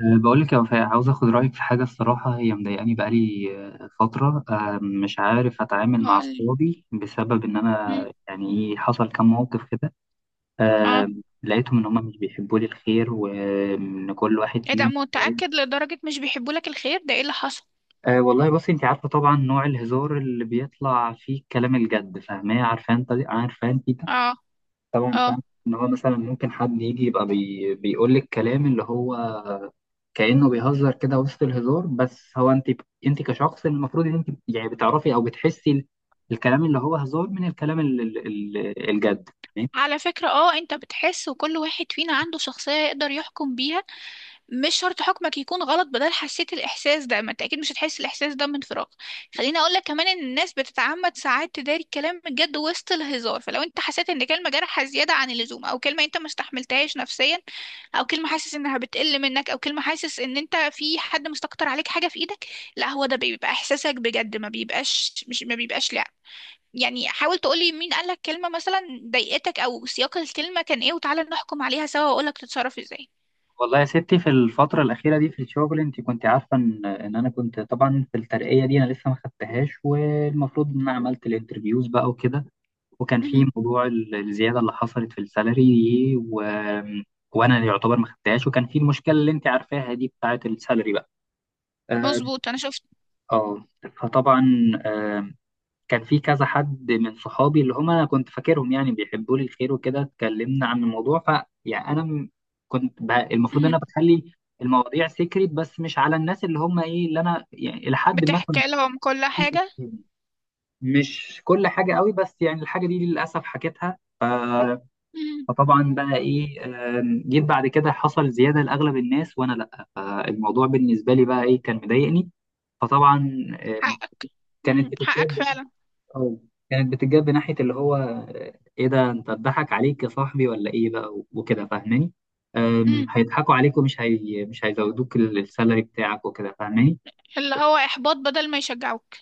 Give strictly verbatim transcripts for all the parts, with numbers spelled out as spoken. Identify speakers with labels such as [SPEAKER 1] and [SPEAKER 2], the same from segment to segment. [SPEAKER 1] أه، بقول لك يا وفاء، عاوز اخد رايك في حاجه، الصراحه هي مضايقاني بقالي أه، فتره. أه، مش عارف اتعامل مع
[SPEAKER 2] هقولي.
[SPEAKER 1] اصحابي بسبب ان
[SPEAKER 2] مم.
[SPEAKER 1] انا يعني إيه، حصل كام موقف كده.
[SPEAKER 2] اه.
[SPEAKER 1] أه، لقيتهم ان هم مش بيحبوا لي الخير، وان كل واحد
[SPEAKER 2] ايه ده،
[SPEAKER 1] فيهم يعني،
[SPEAKER 2] متأكد لدرجة مش بيحبوا لك الخير؟ ده ايه اللي حصل؟
[SPEAKER 1] أه والله بصي، انت عارفه طبعا نوع الهزار اللي بيطلع فيه كلام الجد، فاهماه، عارفه انت عارفه انت.
[SPEAKER 2] اه.
[SPEAKER 1] طبعا
[SPEAKER 2] اه.
[SPEAKER 1] فاهم ان هو مثلا ممكن حد يجي يبقى بي... بيقول لك كلام اللي هو كأنه بيهزر كده وسط الهزار، بس هو انت انت كشخص المفروض ان انت يعني بتعرفي او بتحسي ال- الكلام اللي هو هزار من الكلام ال- ال- ال- الجد، تمام؟
[SPEAKER 2] على فكرة، اه انت بتحس، وكل واحد فينا عنده شخصية يقدر يحكم بيها. مش شرط حكمك يكون غلط، بدل حسيت الاحساس ده، ما انت اكيد مش هتحس الاحساس ده من فراغ. خليني اقول لك كمان ان الناس بتتعمد ساعات تداري الكلام الجد وسط الهزار، فلو انت حسيت ان كلمه جارحه زياده عن اللزوم، او كلمه انت ما استحملتهاش نفسيا، او كلمه حاسس انها بتقل منك، او كلمه حاسس ان انت في حد مستكتر عليك حاجه في ايدك، لا هو ده بيبقى احساسك بجد، ما بيبقاش مش، ما بيبقاش، لا. يعني حاول تقولي مين قالك كلمه مثلا ضايقتك، او سياق الكلمه كان ايه، وتعالى نحكم عليها سوا واقولك تتصرف ازاي.
[SPEAKER 1] والله يا ستي، في الفترة الأخيرة دي في الشغل، انت كنت عارفة ان ان انا كنت طبعا في الترقية دي، انا لسه ما خدتهاش، والمفروض ان انا عملت الانترفيوز بقى وكده. وكان في
[SPEAKER 2] مهم.
[SPEAKER 1] موضوع ال- الزيادة اللي حصلت في السالري دي و... وانا يعتبر ما خدتهاش، وكان في المشكلة اللي انت عارفاها دي بتاعة السالري بقى. اه،
[SPEAKER 2] مظبوط، انا شفت.
[SPEAKER 1] آه. فطبعا آه، كان في كذا حد من صحابي اللي هم انا كنت فاكرهم يعني بيحبوا لي الخير وكده، اتكلمنا عن الموضوع، ف يعني انا م- كنت ب... المفروض ان
[SPEAKER 2] مم.
[SPEAKER 1] انا بخلي المواضيع سيكريت، بس مش على الناس اللي هم ايه، اللي انا يعني الى حد ما
[SPEAKER 2] بتحكي
[SPEAKER 1] كنت
[SPEAKER 2] لهم كل
[SPEAKER 1] واثق
[SPEAKER 2] حاجة.
[SPEAKER 1] فيهم. مش كل حاجه قوي، بس يعني الحاجه دي للاسف حكيتها، ف...
[SPEAKER 2] مم.
[SPEAKER 1] فطبعا بقى ايه، آم، جيت بعد كده، حصل زياده لاغلب الناس وانا لا، فالموضوع بالنسبه لي بقى ايه، كان مضايقني. فطبعا آم،
[SPEAKER 2] حقك.
[SPEAKER 1] كانت
[SPEAKER 2] مم. حقك
[SPEAKER 1] بتتجاب
[SPEAKER 2] فعلا.
[SPEAKER 1] اه كانت بتتجاب ناحية اللي هو، آه، ايه ده؟ انت اتضحك عليك يا صاحبي ولا ايه بقى؟ و- وكده، فاهماني؟ أم،
[SPEAKER 2] مم.
[SPEAKER 1] هيضحكوا عليك، ومش هي... مش هيزودوك ال- السالري بتاعك وكده، فاهماني؟
[SPEAKER 2] اللي هو إحباط بدل ما يشجعوك.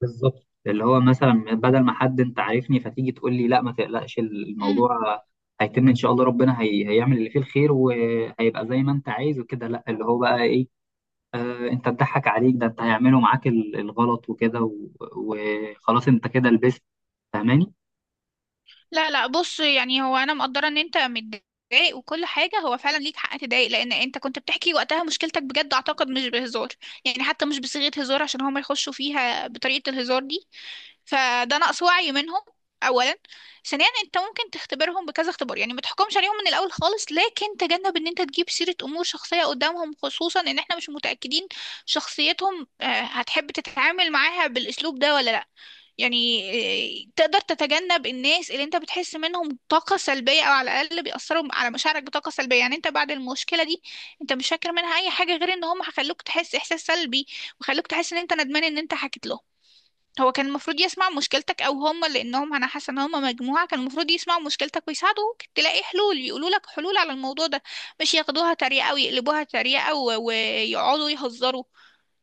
[SPEAKER 1] بالظبط، اللي هو مثلا بدل ما حد انت عارفني فتيجي تقول لي لا ما تقلقش،
[SPEAKER 2] مم.
[SPEAKER 1] الموضوع هيتم ان شاء الله، ربنا هي... هيعمل اللي فيه الخير، وهيبقى زي ما انت عايز وكده. لا، اللي هو بقى ايه، آه انت اتضحك عليك، ده انت هيعملوا معاك ال- الغلط وكده و- وخلاص، انت كده لبست، فاهماني؟
[SPEAKER 2] لا لا، بص، يعني هو أنا مقدرة إن أنت متضايق وكل حاجة، هو فعلا ليك حق تضايق لأن أنت كنت بتحكي وقتها مشكلتك بجد، أعتقد مش بهزار. يعني حتى مش بصيغة هزار عشان هما يخشوا فيها بطريقة الهزار دي، فده نقص وعي منهم. اولا، ثانيا، انت ممكن تختبرهم بكذا اختبار. يعني ما تحكمش عليهم من الاول خالص، لكن تجنب ان انت تجيب سيرة امور شخصية قدامهم، خصوصا ان احنا مش متأكدين شخصيتهم. آه، هتحب تتعامل معاها بالاسلوب ده ولا لا؟ يعني آه، تقدر تتجنب الناس اللي انت بتحس منهم طاقة سلبية، او على الاقل بيأثروا على مشاعرك بطاقة سلبية. يعني انت بعد المشكلة دي، انت مش فاكر منها اي حاجة غير ان هم هيخلوك تحس احساس سلبي، وخلوك تحس ان انت ندمان ان انت حكيت لهم. هو كان المفروض يسمع مشكلتك، او هم، لانهم انا حاسه ان هم مجموعه، كان المفروض يسمعوا مشكلتك ويساعدوك تلاقي حلول، يقولوا لك حلول على الموضوع ده، مش ياخدوها تريقه ويقلبوها تريقه و- ويقعدوا يهزروا.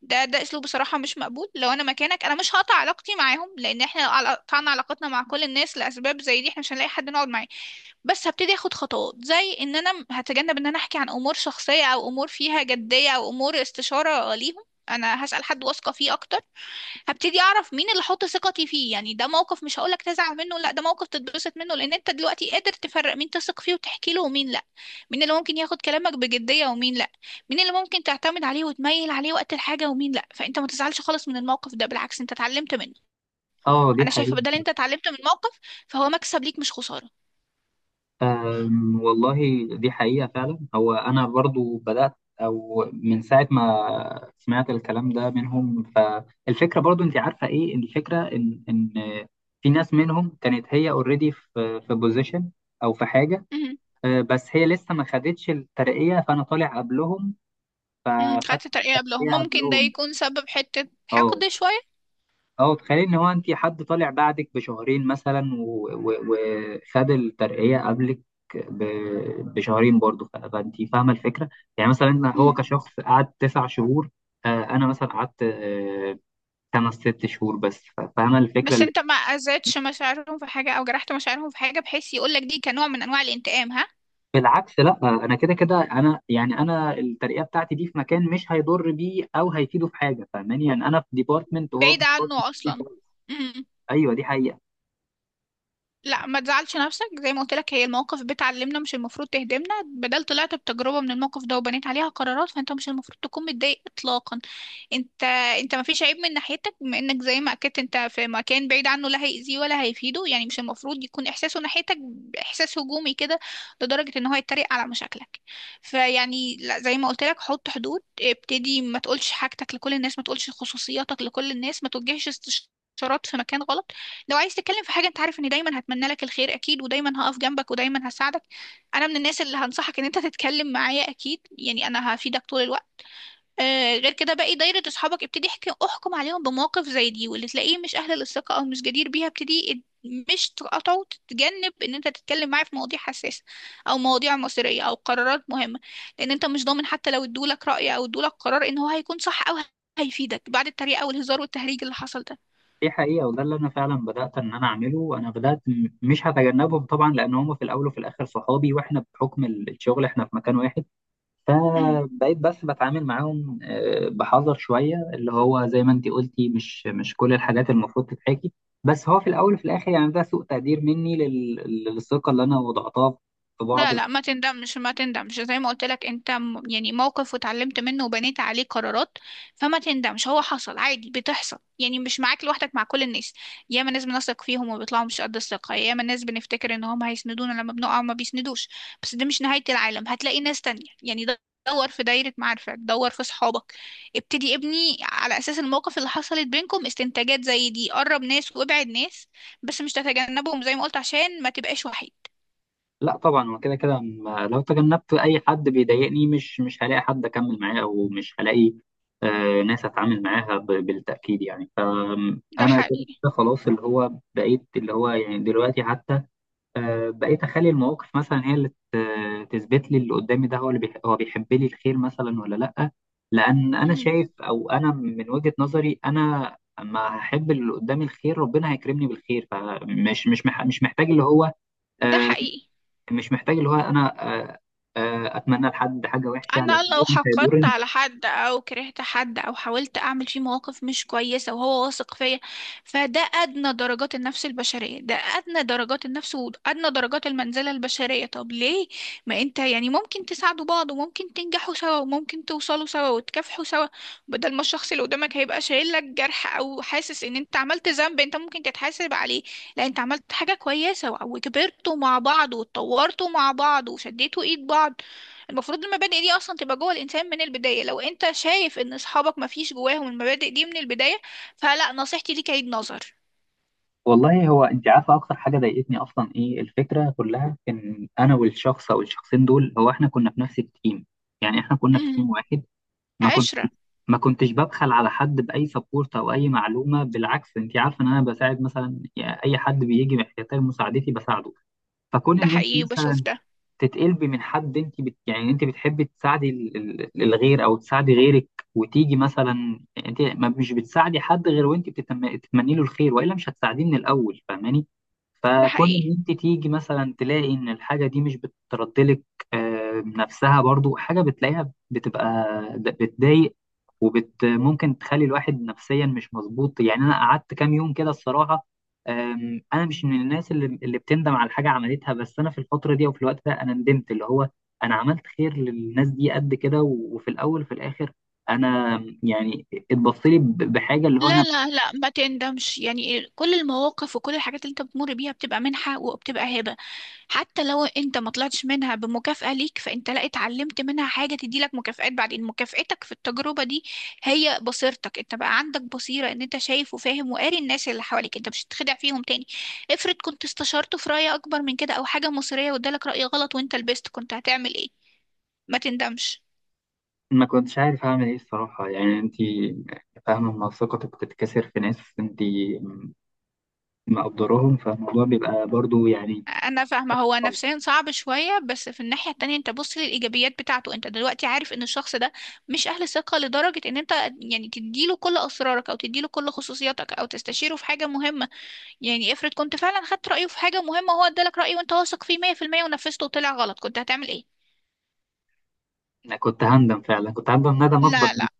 [SPEAKER 2] ده ده اسلوب بصراحه مش مقبول. لو انا مكانك انا مش هقطع علاقتي معاهم، لان احنا لو عل- قطعنا علاقتنا مع كل الناس لاسباب زي دي، احنا مش هنلاقي حد نقعد معاه. بس هبتدي اخد خطوات زي ان انا م- هتجنب ان انا احكي عن امور شخصيه او امور فيها جديه او امور استشاره ليهم. انا هسال حد واثقه فيه اكتر. هبتدي اعرف مين اللي احط ثقتي فيه. يعني ده موقف مش هقولك تزعل منه، لا، ده موقف تتبسط منه، لان انت دلوقتي قادر تفرق مين تثق فيه وتحكي له ومين لا. مين اللي ممكن ياخد كلامك بجدية ومين لا. مين اللي ممكن تعتمد عليه وتميل عليه وقت الحاجة ومين لا. فانت ما تزعلش خالص من الموقف ده، بالعكس انت اتعلمت منه.
[SPEAKER 1] اه، دي
[SPEAKER 2] انا شايفة
[SPEAKER 1] حقيقة.
[SPEAKER 2] بدل انت اتعلمت من موقف، فهو مكسب ليك مش خسارة.
[SPEAKER 1] أم، والله، دي حقيقة فعلا. هو أنا برضو بدأت، أو من ساعة ما سمعت الكلام ده منهم، فالفكرة برضو، أنت عارفة إيه الفكرة، إن إن في ناس منهم كانت هي أوريدي في في بوزيشن أو في حاجة.
[SPEAKER 2] امم
[SPEAKER 1] أه، بس هي لسه ما خدتش الترقية، فأنا طالع قبلهم،
[SPEAKER 2] امم
[SPEAKER 1] فخدت
[SPEAKER 2] خدت ترقية قبلهم،
[SPEAKER 1] الترقية
[SPEAKER 2] ممكن ده
[SPEAKER 1] قبلهم.
[SPEAKER 2] يكون سبب حتة
[SPEAKER 1] أه.
[SPEAKER 2] حقد شوية.
[SPEAKER 1] اه، تخيل ان هو انت حد طالع بعدك بشهرين مثلا، و- و- وخد الترقية قبلك ب- بشهرين برضه، ف- فانت فاهمة الفكرة. يعني مثلا هو
[SPEAKER 2] مم.
[SPEAKER 1] كشخص قعد تسع شهور، آه، انا مثلا قعدت آه، خمس ست شهور بس، ف- فاهمة الفكرة
[SPEAKER 2] بس
[SPEAKER 1] اللي.
[SPEAKER 2] انت ما اذيتش مشاعرهم في حاجة او جرحت مشاعرهم في حاجة بحيث يقولك دي كنوع من انواع الانتقام، ها؟
[SPEAKER 1] بالعكس لا، انا كده كده، انا يعني انا الترقية بتاعتي دي في مكان مش هيضر بيه او هيفيده في حاجة، فاهماني؟ يعني انا في ديبارتمنت، وهو
[SPEAKER 2] بعيدة
[SPEAKER 1] في
[SPEAKER 2] عنه أصلا.
[SPEAKER 1] ديبارتمنت.
[SPEAKER 2] مم.
[SPEAKER 1] ايوه، دي حقيقة.
[SPEAKER 2] لا ما تزعلش نفسك، زي ما قلت لك هي المواقف بتعلمنا مش المفروض تهدمنا. بدل طلعت بتجربة من الموقف ده وبنيت عليها قرارات، فانت مش المفروض تكون متضايق اطلاقا. انت انت ما فيش عيب من ناحيتك، بما انك زي ما اكدت انت في مكان بعيد عنه لا هيأذيه ولا هيفيده، يعني مش المفروض يكون احساسه ناحيتك احساس هجومي كده لدرجة ان هو يتريق على مشاكلك. فيعني لا، زي ما قلت لك حط حدود، ابتدي ما تقولش حاجتك لكل الناس، ما تقولش خصوصياتك لكل الناس، ما توجهش استشارات في مكان غلط. لو عايز تتكلم في حاجة، انت عارف اني دايما هتمنى لك الخير اكيد، ودايما هقف جنبك ودايما هساعدك. انا من الناس اللي هنصحك ان انت تتكلم معايا اكيد، يعني انا هفيدك طول الوقت. آه، غير كده باقي دايرة اصحابك ابتدي احكي احكم عليهم بمواقف زي دي، واللي تلاقيه مش اهل للثقة او مش جدير بيها، ابتدي اد- مش تقاطعه، تتجنب ان انت تتكلم معاه في مواضيع حساسة او مواضيع مصيرية او قرارات مهمة، لان انت مش ضامن حتى لو ادولك رأي او ادولك قرار ان هو هيكون صح او هيفيدك بعد التريقة والهزار والتهريج اللي حصل ده.
[SPEAKER 1] دي حقيقة، وده اللي أنا فعلا بدأت إن أنا أعمله. أنا بدأت م- مش هتجنبهم طبعا، لأن هم في الأول وفي الآخر صحابي، وإحنا بحكم ال- الشغل إحنا في مكان واحد. فبقيت بس بتعامل معاهم آه، بحذر شوية، اللي هو زي ما أنت قلتي، مش مش كل الحاجات المفروض تتحكي. بس هو في الأول وفي الآخر يعني ده سوء تقدير مني لل- للثقة اللي أنا وضعتها في بعض.
[SPEAKER 2] لا لا ما تندمش، ما تندمش، زي ما قلت لك انت م- يعني موقف واتعلمت منه وبنيت عليه قرارات، فما تندمش. هو حصل عادي، بتحصل، يعني مش معاك لوحدك، مع كل الناس. ياما ناس بنثق فيهم وبيطلعوا مش قد الثقة، ياما ناس بنفتكر ان هم هيسندونا لما بنقع وما بيسندوش. بس ده مش نهاية العالم، هتلاقي ناس تانية. يعني د- دور في دايرة معارفك، دور في صحابك، ابتدي ابني على اساس المواقف اللي حصلت بينكم استنتاجات زي دي، قرب ناس وابعد ناس، بس مش تتجنبهم زي ما قلت عشان ما تبقاش وحيد.
[SPEAKER 1] لا طبعا، هو كده كده، م- لو تجنبت اي حد بيضايقني مش مش هلاقي حد اكمل معاه، او مش هلاقي آه، ناس اتعامل معاها ب- بالتاكيد. يعني
[SPEAKER 2] ده
[SPEAKER 1] فانا كده
[SPEAKER 2] حقيقي.
[SPEAKER 1] كده خلاص، اللي هو بقيت اللي هو يعني دلوقتي حتى آه، بقيت اخلي المواقف مثلا هي اللي ت- تثبت لي اللي قدامي، ده هو اللي بيح- هو بيحب لي الخير مثلا، ولا لا؟ لان انا شايف، او انا من وجهة نظري، انا اما هحب اللي قدامي الخير ربنا هيكرمني بالخير، فمش مش مح- مش محتاج اللي هو،
[SPEAKER 2] ده
[SPEAKER 1] آه،
[SPEAKER 2] حقيقي.
[SPEAKER 1] مش محتاج اللي هو انا آه، آه، اتمنى لحد حاجه وحشه،
[SPEAKER 2] انا
[SPEAKER 1] لان هو
[SPEAKER 2] لو
[SPEAKER 1] مش
[SPEAKER 2] حقدت
[SPEAKER 1] هيضرني.
[SPEAKER 2] على حد او كرهت حد او حاولت اعمل فيه مواقف مش كويسه وهو واثق فيا، فده ادنى درجات النفس البشريه، ده ادنى درجات النفس وادنى درجات المنزله البشريه. طب ليه؟ ما انت يعني ممكن تساعدوا بعض وممكن تنجحوا سوا وممكن توصلوا سوا وتكافحوا سوا، بدل ما الشخص اللي قدامك هيبقى شايل لك جرح او حاسس ان انت عملت ذنب انت ممكن تتحاسب عليه. لا، انت عملت حاجه كويسه وكبرتوا مع بعض واتطورتوا مع بعض وشديتوا ايد بعض. المفروض المبادئ دي اصلا تبقى جوه الانسان من البدايه. لو انت شايف ان اصحابك ما فيش جواهم المبادئ دي من البدايه، فلا، نصيحتي ليك عيد نظر.
[SPEAKER 1] والله، هو انت عارفه اكتر حاجه ضايقتني اصلا ايه؟ الفكره كلها ان انا والشخص او الشخصين دول، هو احنا كنا في نفس التيم، يعني احنا كنا في
[SPEAKER 2] امم.
[SPEAKER 1] تيم واحد. ما كنت
[SPEAKER 2] عشره.
[SPEAKER 1] ما كنتش ببخل على حد باي سبورت او اي معلومه، بالعكس انت عارفه ان انا بساعد مثلا، يعني اي حد بيجي محتاج مساعدتي بساعده. فكون
[SPEAKER 2] ده
[SPEAKER 1] ان انت
[SPEAKER 2] حقيقي وبشوف
[SPEAKER 1] مثلا
[SPEAKER 2] ده.
[SPEAKER 1] تتقلبي من حد، انت بت... يعني انت بتحبي تساعدي ال- ال- الغير او تساعدي غيرك، وتيجي مثلا انت ما مش بتساعدي حد غير وانت بتتم... بتتمني له الخير، والا مش هتساعديه من الاول، فاهماني؟
[SPEAKER 2] ده
[SPEAKER 1] فكون
[SPEAKER 2] حقيقي.
[SPEAKER 1] ان انت تيجي مثلا تلاقي ان الحاجه دي مش بتردلك آه، نفسها برضو، حاجه بتلاقيها بتبقى ب- بتضايق، وبت ممكن تخلي الواحد نفسيا مش مظبوط. يعني انا قعدت كام يوم كده الصراحه. أم، انا مش من الناس اللي اللي بتندم على حاجه عملتها، بس انا في الفتره دي او في الوقت ده انا ندمت، اللي هو انا عملت خير للناس دي قد كده، و- وفي الاول وفي الاخر انا يعني اتبص لي ب- بحاجه، اللي هو
[SPEAKER 2] لا
[SPEAKER 1] انا
[SPEAKER 2] لا لا ما تندمش، يعني كل المواقف وكل الحاجات اللي انت بتمر بيها بتبقى منحة وبتبقى هبة. حتى لو انت ما طلعتش منها بمكافأة ليك، فانت لا اتعلمت منها حاجة تديلك مكافآت بعدين. مكافأتك في التجربة دي هي بصيرتك، انت بقى عندك بصيرة ان انت شايف وفاهم وقاري الناس اللي حواليك، انت مش هتتخدع فيهم تاني. افرض كنت استشرته في رأي اكبر من كده او حاجة مصيرية وادالك رأي غلط وانت لبست كنت هتعمل ايه؟ ما تندمش.
[SPEAKER 1] ما كنتش عارف اعمل ايه الصراحه. يعني انت فاهمه لما ثقتك بتتكسر في ناس انت مقدراهم، فالموضوع بيبقى برضو يعني،
[SPEAKER 2] انا فاهمه، هو نفسيا صعب شويه، بس في الناحيه التانية انت بص للايجابيات بتاعته. انت دلوقتي عارف ان الشخص ده مش اهل ثقه لدرجه ان انت يعني تديله كل اسرارك او تديله كل خصوصياتك او تستشيره في حاجه مهمه. يعني افرض كنت فعلا خدت رايه في حاجه مهمه وهو ادالك رايه وانت واثق فيه مية في المية ونفذته وطلع غلط، كنت هتعمل ايه؟
[SPEAKER 1] أنا كنت هندم فعلا، كنت هندم ندم اكبر
[SPEAKER 2] لا
[SPEAKER 1] من-
[SPEAKER 2] لا،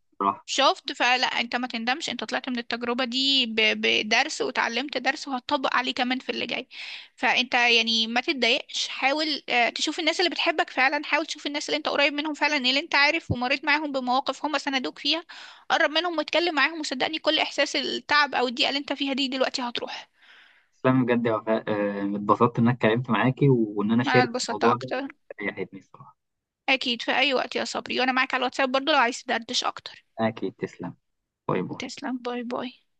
[SPEAKER 2] شفت؟ فلا انت ما تندمش، انت طلعت من التجربة دي ب- بدرس وتعلمت درس وهتطبق عليه كمان في اللي جاي. فانت يعني ما تتضايقش، حاول آه، تشوف الناس اللي بتحبك فعلا، حاول تشوف الناس اللي انت قريب منهم فعلا اللي انت عارف ومريت معاهم بمواقف هم سندوك فيها. قرب منهم واتكلم معاهم، وصدقني كل احساس التعب او الضيقة اللي انت فيها دي دلوقتي هتروح.
[SPEAKER 1] تسلمي بجد يا وفاء، آه، اتبسطت ان انا اتكلمت معاكي وان انا
[SPEAKER 2] انا
[SPEAKER 1] شاركت
[SPEAKER 2] اتبسطت
[SPEAKER 1] الموضوع ده،
[SPEAKER 2] اكتر.
[SPEAKER 1] ريحتني الصراحه.
[SPEAKER 2] اكيد في اي وقت يا صبري، وانا معاك على الواتساب برضو لو عايز تدردش اكتر.
[SPEAKER 1] اكيد، تسلم، باي باي.
[SPEAKER 2] تسلم، باي باي.